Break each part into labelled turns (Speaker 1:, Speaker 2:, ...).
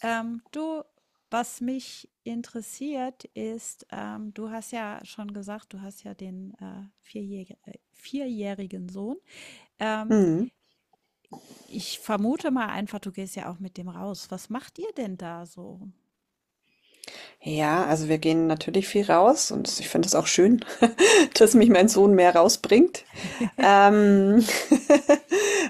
Speaker 1: Ähm, du, Was mich interessiert ist, du hast ja schon gesagt, du hast ja den 4-jährigen Sohn. Ähm,
Speaker 2: Mhm.
Speaker 1: Ich vermute mal einfach, du gehst ja auch mit dem raus. Was macht ihr denn da so?
Speaker 2: Ja, also wir gehen natürlich viel raus und ich finde es auch schön, dass mich mein Sohn mehr rausbringt. Ähm,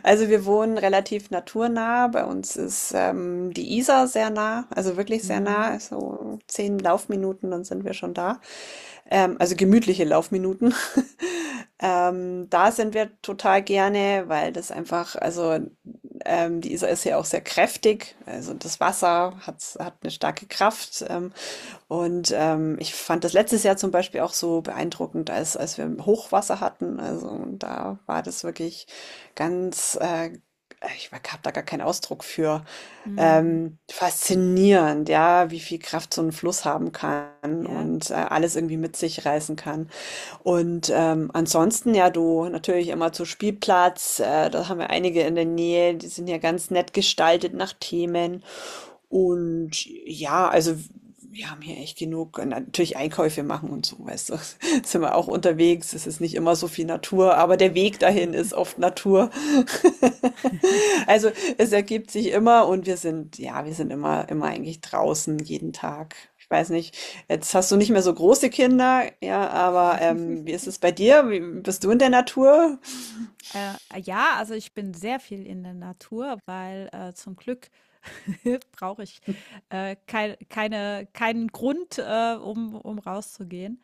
Speaker 2: also wir wohnen relativ naturnah. Bei uns ist die Isar sehr nah, also wirklich sehr nah.
Speaker 1: Mhm.
Speaker 2: So zehn Laufminuten, dann sind wir schon da. Also gemütliche Laufminuten. Da sind wir total gerne, weil das einfach, also die Isar ist ja auch sehr kräftig, also das Wasser hat eine starke Kraft. Und ich fand das letztes Jahr zum Beispiel auch so beeindruckend, als wir Hochwasser hatten. Also da war das wirklich ganz, äh, ich habe da gar keinen Ausdruck für
Speaker 1: Mhm.
Speaker 2: faszinierend, ja, wie viel Kraft so ein Fluss haben kann
Speaker 1: Ja.
Speaker 2: und alles irgendwie mit sich reißen kann. Und ansonsten, ja, du natürlich immer zu Spielplatz, da haben wir einige in der Nähe, die sind ja ganz nett gestaltet nach Themen. Und ja, also wir haben hier echt genug, und natürlich Einkäufe machen und so, weißt du, sind wir auch unterwegs, es ist nicht immer so viel Natur, aber der Weg dahin ist oft Natur. Also es ergibt sich immer und wir sind, ja, wir sind immer, immer eigentlich draußen, jeden Tag. Ich weiß nicht, jetzt hast du nicht mehr so große Kinder, ja, aber wie ist es bei dir? Wie, bist du in der Natur?
Speaker 1: Ja, also ich bin sehr viel in der Natur, weil zum Glück brauche ich keinen Grund, um rauszugehen.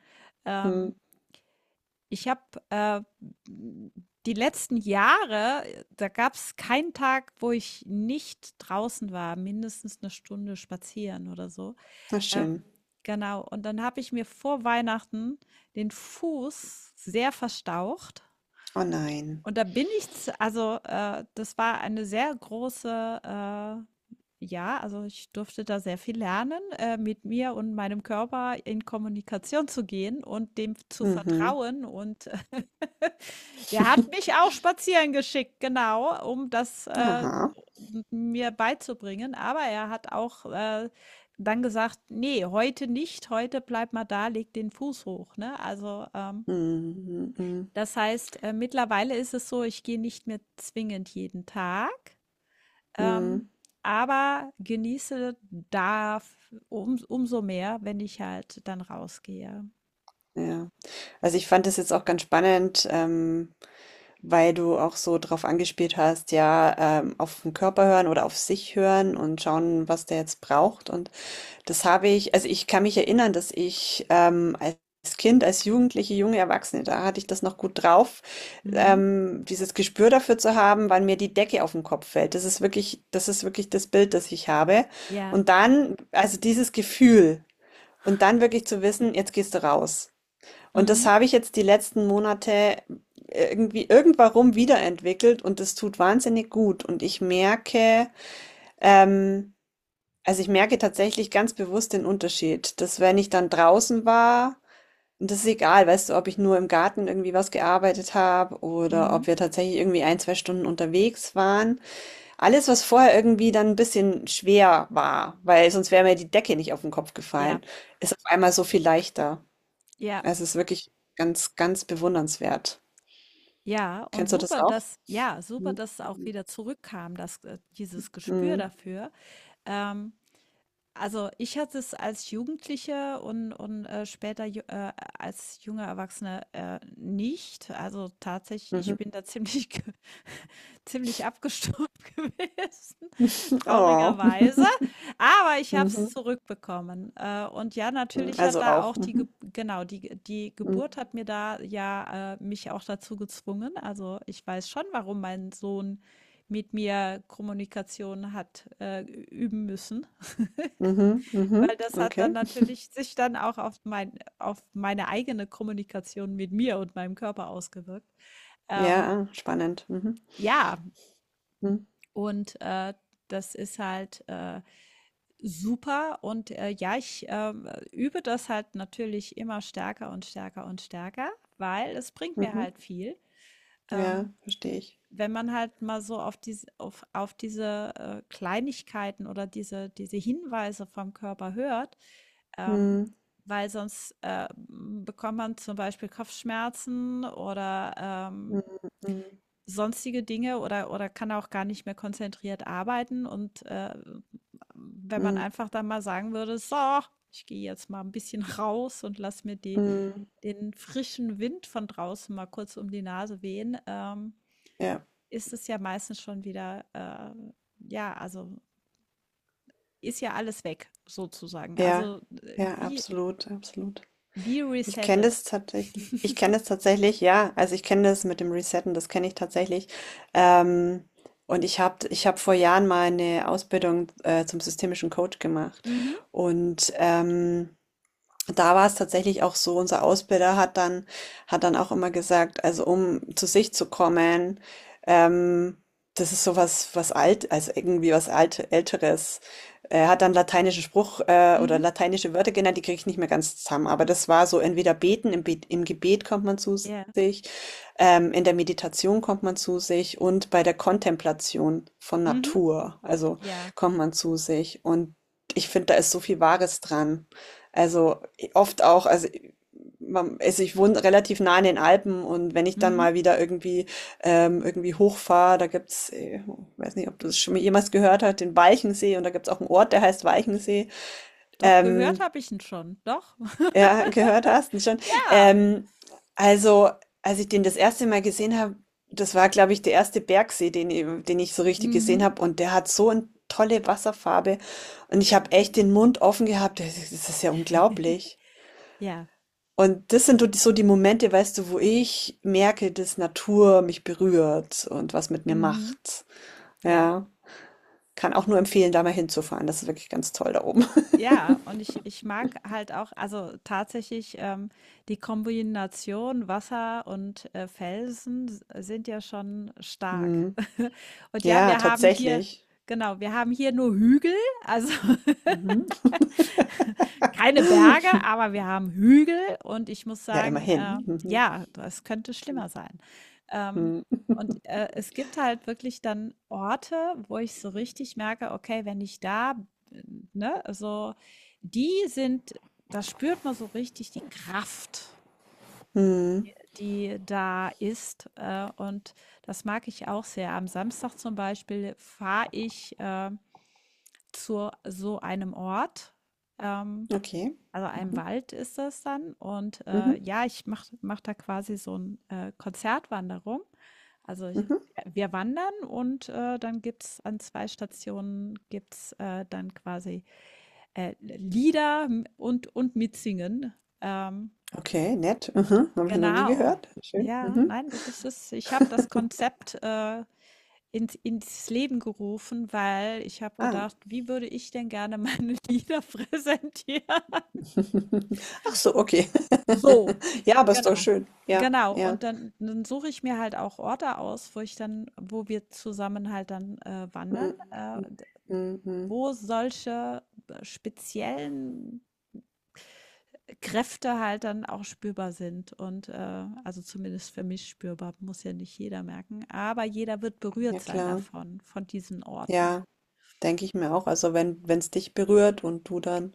Speaker 2: Hm,
Speaker 1: Ähm, Ich habe äh, die letzten Jahre, da gab es keinen Tag, wo ich nicht draußen war, mindestens 1 Stunde spazieren oder so.
Speaker 2: na
Speaker 1: Ähm,
Speaker 2: schön.
Speaker 1: genau, und dann habe ich mir vor Weihnachten den Fuß sehr verstaucht.
Speaker 2: Oh nein.
Speaker 1: Und da bin ich z also, das war eine sehr große ja, also ich durfte da sehr viel lernen, mit mir und meinem Körper in Kommunikation zu gehen und dem zu
Speaker 2: Mhm.
Speaker 1: vertrauen. Und der hat mich auch spazieren geschickt, genau, um das
Speaker 2: Aha.
Speaker 1: m mir beizubringen. Aber er hat auch dann gesagt: „Ne, heute nicht, heute bleib mal da, leg den Fuß hoch“, ne? Also,
Speaker 2: Mhm, mhm, mhm.
Speaker 1: das heißt, mittlerweile ist es so, ich gehe nicht mehr zwingend jeden Tag, ähm,
Speaker 2: Mhm,
Speaker 1: aber genieße da umso mehr, wenn ich halt dann rausgehe.
Speaker 2: ja. Also, ich fand das jetzt auch ganz spannend, weil du auch so drauf angespielt hast, ja, auf den Körper hören oder auf sich hören und schauen, was der jetzt braucht. Und das habe ich, also ich kann mich erinnern, dass ich als Kind, als Jugendliche, junge Erwachsene, da hatte ich das noch gut drauf,
Speaker 1: Mhm.
Speaker 2: dieses Gespür dafür zu haben, wann mir die Decke auf den Kopf fällt. Das ist wirklich, das ist wirklich das Bild, das ich habe.
Speaker 1: Ja.
Speaker 2: Und dann, also dieses Gefühl und dann wirklich zu wissen, jetzt gehst du raus. Und das
Speaker 1: Mhm.
Speaker 2: habe ich jetzt die letzten Monate irgendwie irgendwann wiederentwickelt und das tut wahnsinnig gut. Und ich merke, ähm, also ich merke tatsächlich ganz bewusst den Unterschied, dass wenn ich dann draußen war, und das ist egal, weißt du, ob ich nur im Garten irgendwie was gearbeitet habe oder
Speaker 1: Mhm.
Speaker 2: ob wir tatsächlich irgendwie ein, zwei Stunden unterwegs waren. Alles, was vorher irgendwie dann ein bisschen schwer war, weil sonst wäre mir die Decke nicht auf den Kopf
Speaker 1: Ja.
Speaker 2: gefallen, ist auf einmal so viel leichter.
Speaker 1: Ja.
Speaker 2: Es ist wirklich ganz, ganz bewundernswert.
Speaker 1: Ja, und
Speaker 2: Kennst du das
Speaker 1: super,
Speaker 2: auch?
Speaker 1: super,
Speaker 2: Mhm.
Speaker 1: dass es auch wieder zurückkam, dass dieses Gespür
Speaker 2: Mhm.
Speaker 1: dafür. Ähm, also ich hatte es als Jugendliche und als junger Erwachsene nicht. Also tatsächlich,
Speaker 2: Mhm.
Speaker 1: ich bin da ziemlich ziemlich abgestumpft gewesen,
Speaker 2: Oh. Mhm.
Speaker 1: traurigerweise. Aber ich habe es zurückbekommen. Und ja,
Speaker 2: Mhm.
Speaker 1: natürlich hat
Speaker 2: Also
Speaker 1: da
Speaker 2: auch.
Speaker 1: auch die Ge
Speaker 2: Mhm.
Speaker 1: genau, die
Speaker 2: Mhm.
Speaker 1: Geburt hat mir da mich auch dazu gezwungen. Also, ich weiß schon, warum mein Sohn mit mir Kommunikation hat, üben müssen,
Speaker 2: Mhm. Mhm.
Speaker 1: weil das hat
Speaker 2: Okay.
Speaker 1: dann natürlich sich dann auch auf mein auf meine eigene Kommunikation mit mir und meinem Körper ausgewirkt.
Speaker 2: Ja,
Speaker 1: Ähm,
Speaker 2: ah, spannend. Mhm.
Speaker 1: ja,
Speaker 2: Mhm.
Speaker 1: und das ist halt super. Und ja, ich übe das halt natürlich immer stärker und stärker und stärker, weil es bringt mir
Speaker 2: Mhm.
Speaker 1: halt viel. Ähm,
Speaker 2: Ja, verstehe ich.
Speaker 1: Wenn man halt mal so auf auf diese Kleinigkeiten oder diese Hinweise vom Körper hört, ähm,
Speaker 2: Mhm.
Speaker 1: weil sonst bekommt man zum Beispiel Kopfschmerzen oder
Speaker 2: Mhm. Mhm.
Speaker 1: sonstige Dinge oder kann auch gar nicht mehr konzentriert arbeiten und, wenn man
Speaker 2: Mhm.
Speaker 1: einfach dann mal sagen würde: „So, ich gehe jetzt mal ein bisschen raus und lass mir die
Speaker 2: Mhm.
Speaker 1: den frischen Wind von draußen mal kurz um die Nase wehen“,
Speaker 2: Ja,
Speaker 1: ist es ja meistens schon wieder, ja, also, ist ja alles weg sozusagen.
Speaker 2: ja,
Speaker 1: Also,
Speaker 2: ja, absolut, absolut.
Speaker 1: wie
Speaker 2: Ich kenne
Speaker 1: resettet.
Speaker 2: das tatsächlich. Ich kenne das tatsächlich, ja. Also ich kenne das mit dem Resetten, das kenne ich tatsächlich. Ähm, und ich hab vor Jahren mal eine Ausbildung zum systemischen Coach gemacht.
Speaker 1: Mhm,
Speaker 2: Und da war es tatsächlich auch so, unser Ausbilder hat dann auch immer gesagt, also um zu sich zu kommen, ähm, das ist so was was alt, also irgendwie was alt, Älteres. Er hat dann lateinische Spruch oder
Speaker 1: mhm,
Speaker 2: lateinische Wörter genannt, die kriege ich nicht mehr ganz zusammen, aber das war so entweder beten, im, Be im Gebet kommt man zu
Speaker 1: ja,
Speaker 2: sich, in der Meditation kommt man zu sich und bei der Kontemplation von
Speaker 1: mhm,
Speaker 2: Natur, also
Speaker 1: ja,
Speaker 2: kommt man zu sich. Und ich finde, da ist so viel Wahres dran, also oft auch, also man, also ich wohne relativ nah in den Alpen und wenn ich dann
Speaker 1: mhm.
Speaker 2: mal wieder irgendwie irgendwie hochfahre, da gibt's, weiß nicht, ob du es schon mal jemals gehört hast, den Walchensee und da gibt's auch einen Ort, der heißt Walchensee.
Speaker 1: Doch, gehört
Speaker 2: Ähm,
Speaker 1: habe ich ihn schon, doch.
Speaker 2: ja, gehört hast du schon.
Speaker 1: Ja.
Speaker 2: Ähm, also als ich den das erste Mal gesehen habe, das war, glaube ich, der erste Bergsee, den ich so richtig gesehen
Speaker 1: Mhm.
Speaker 2: habe und der hat so eine tolle Wasserfarbe und ich habe echt den Mund offen gehabt. Das ist, das ist ja unglaublich.
Speaker 1: Ja.
Speaker 2: Und das sind so die, so die Momente, weißt du, wo ich merke, dass Natur mich berührt und was mit mir
Speaker 1: Mhm.
Speaker 2: macht.
Speaker 1: Ja.
Speaker 2: Ja, kann auch nur empfehlen, da mal hinzufahren. Das ist wirklich ganz toll da oben.
Speaker 1: Ja, und ich mag halt auch, also tatsächlich die Kombination Wasser und Felsen s- sind ja schon stark.
Speaker 2: Mhm.
Speaker 1: Und ja,
Speaker 2: Ja, tatsächlich.
Speaker 1: genau, wir haben hier nur Hügel, also
Speaker 2: Mhm.
Speaker 1: keine Berge, aber wir haben Hügel und ich muss
Speaker 2: Ja,
Speaker 1: sagen,
Speaker 2: immerhin. Mhm.
Speaker 1: ja, das könnte schlimmer sein. Ähm,
Speaker 2: Mhm.
Speaker 1: und, es gibt halt wirklich dann Orte, wo ich so richtig merke, okay, wenn ich da bin, ne, also die sind da spürt man so richtig die Kraft,
Speaker 2: Mhm.
Speaker 1: die da ist, und das mag ich auch sehr. Am Samstag zum Beispiel fahre ich, zu so einem Ort, ähm
Speaker 2: Okay.
Speaker 1: also ein
Speaker 2: Mhm.
Speaker 1: Wald ist das dann und,
Speaker 2: Mhm.
Speaker 1: ja, ich mache da quasi so 'n, Konzertwanderung. Also, ich
Speaker 2: Mhm.
Speaker 1: wir wandern und, dann gibt's an zwei Stationen dann quasi, Lieder und mitsingen. Ähm,
Speaker 2: Okay, nett. Mhm. Haben wir noch nie
Speaker 1: genau.
Speaker 2: gehört. Schön.
Speaker 1: Ja,
Speaker 2: Mhm.
Speaker 1: nein, das ist ich habe das Konzept, ins Leben gerufen, weil ich habe
Speaker 2: Ah.
Speaker 1: gedacht: „Wie würde ich denn gerne meine Lieder präsentieren?“
Speaker 2: Ach so, okay.
Speaker 1: So,
Speaker 2: Ja, aber ist doch
Speaker 1: genau.
Speaker 2: schön. Ja,
Speaker 1: Genau.
Speaker 2: ja.
Speaker 1: Und dann suche ich mir halt auch Orte aus, wo wir zusammen halt dann, wandern,
Speaker 2: Mhm. Mhm.
Speaker 1: d
Speaker 2: Mhm. Mhm.
Speaker 1: wo solche speziellen Kräfte halt dann auch spürbar sind und, also zumindest für mich spürbar, muss ja nicht jeder merken, aber jeder wird berührt
Speaker 2: Ja,
Speaker 1: sein
Speaker 2: klar.
Speaker 1: davon, von diesen Orten.
Speaker 2: Ja, denke ich mir auch. Also wenn wenn es dich berührt und du dann,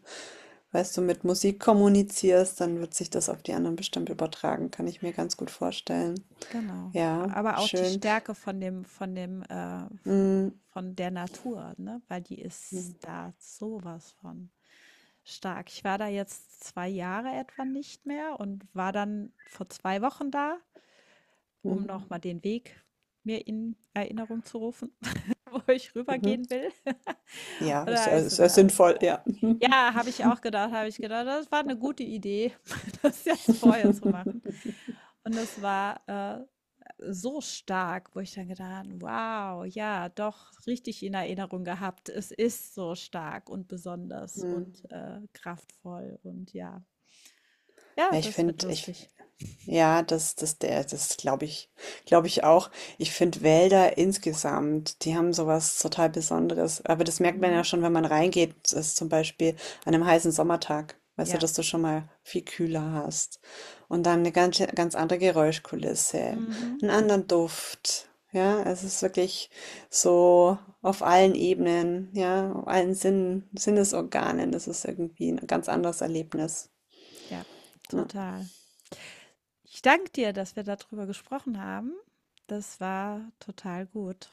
Speaker 2: weißt du, mit Musik kommunizierst, dann wird sich das auf die anderen bestimmt übertragen, kann ich mir ganz gut vorstellen.
Speaker 1: Genau.
Speaker 2: Ja,
Speaker 1: Aber auch die
Speaker 2: schön.
Speaker 1: Stärke von dem, v
Speaker 2: Mm,
Speaker 1: von der Natur, ne? Weil die
Speaker 2: mm,
Speaker 1: ist da sowas von stark. Ich war da jetzt 2 Jahre etwa nicht mehr und war dann vor 2 Wochen da, um
Speaker 2: mm,
Speaker 1: noch Mhm. mal den Weg mir in Erinnerung zu rufen, wo ich
Speaker 2: mhm.
Speaker 1: rübergehen will.
Speaker 2: Ja,
Speaker 1: Und
Speaker 2: ist
Speaker 1: da
Speaker 2: ja,
Speaker 1: habe ich so
Speaker 2: ist ja
Speaker 1: gedacht, wow.
Speaker 2: sinnvoll, ja.
Speaker 1: Ja, habe ich auch gedacht, habe ich gedacht, das war eine gute Idee, das jetzt vorher zu machen. Und das war so stark, wo ich dann gedacht, habe, wow, ja, doch richtig in Erinnerung gehabt. Es ist so stark und besonders
Speaker 2: Mm.
Speaker 1: und kraftvoll und ja, ja,
Speaker 2: Ja, ich
Speaker 1: das wird
Speaker 2: finde, ich,
Speaker 1: lustig.
Speaker 2: ja, das glaube ich, glaube ich auch. Ich finde Wälder insgesamt, die haben sowas total Besonderes. Aber das merkt man ja
Speaker 1: Mhm.
Speaker 2: schon, wenn man reingeht, das ist zum Beispiel an einem heißen Sommertag, weißt du,
Speaker 1: Ja,
Speaker 2: dass du schon mal viel kühler hast. Und dann eine ganz, ganz andere Geräuschkulisse,
Speaker 1: mhm.
Speaker 2: einen anderen Duft. Ja, es ist wirklich so auf allen Ebenen, ja, auf allen Sinnen, Sinnesorganen. Das ist irgendwie ein ganz anderes Erlebnis.
Speaker 1: Ja,
Speaker 2: Ne?
Speaker 1: total. Ich danke dir, dass wir darüber gesprochen haben. Das war total gut.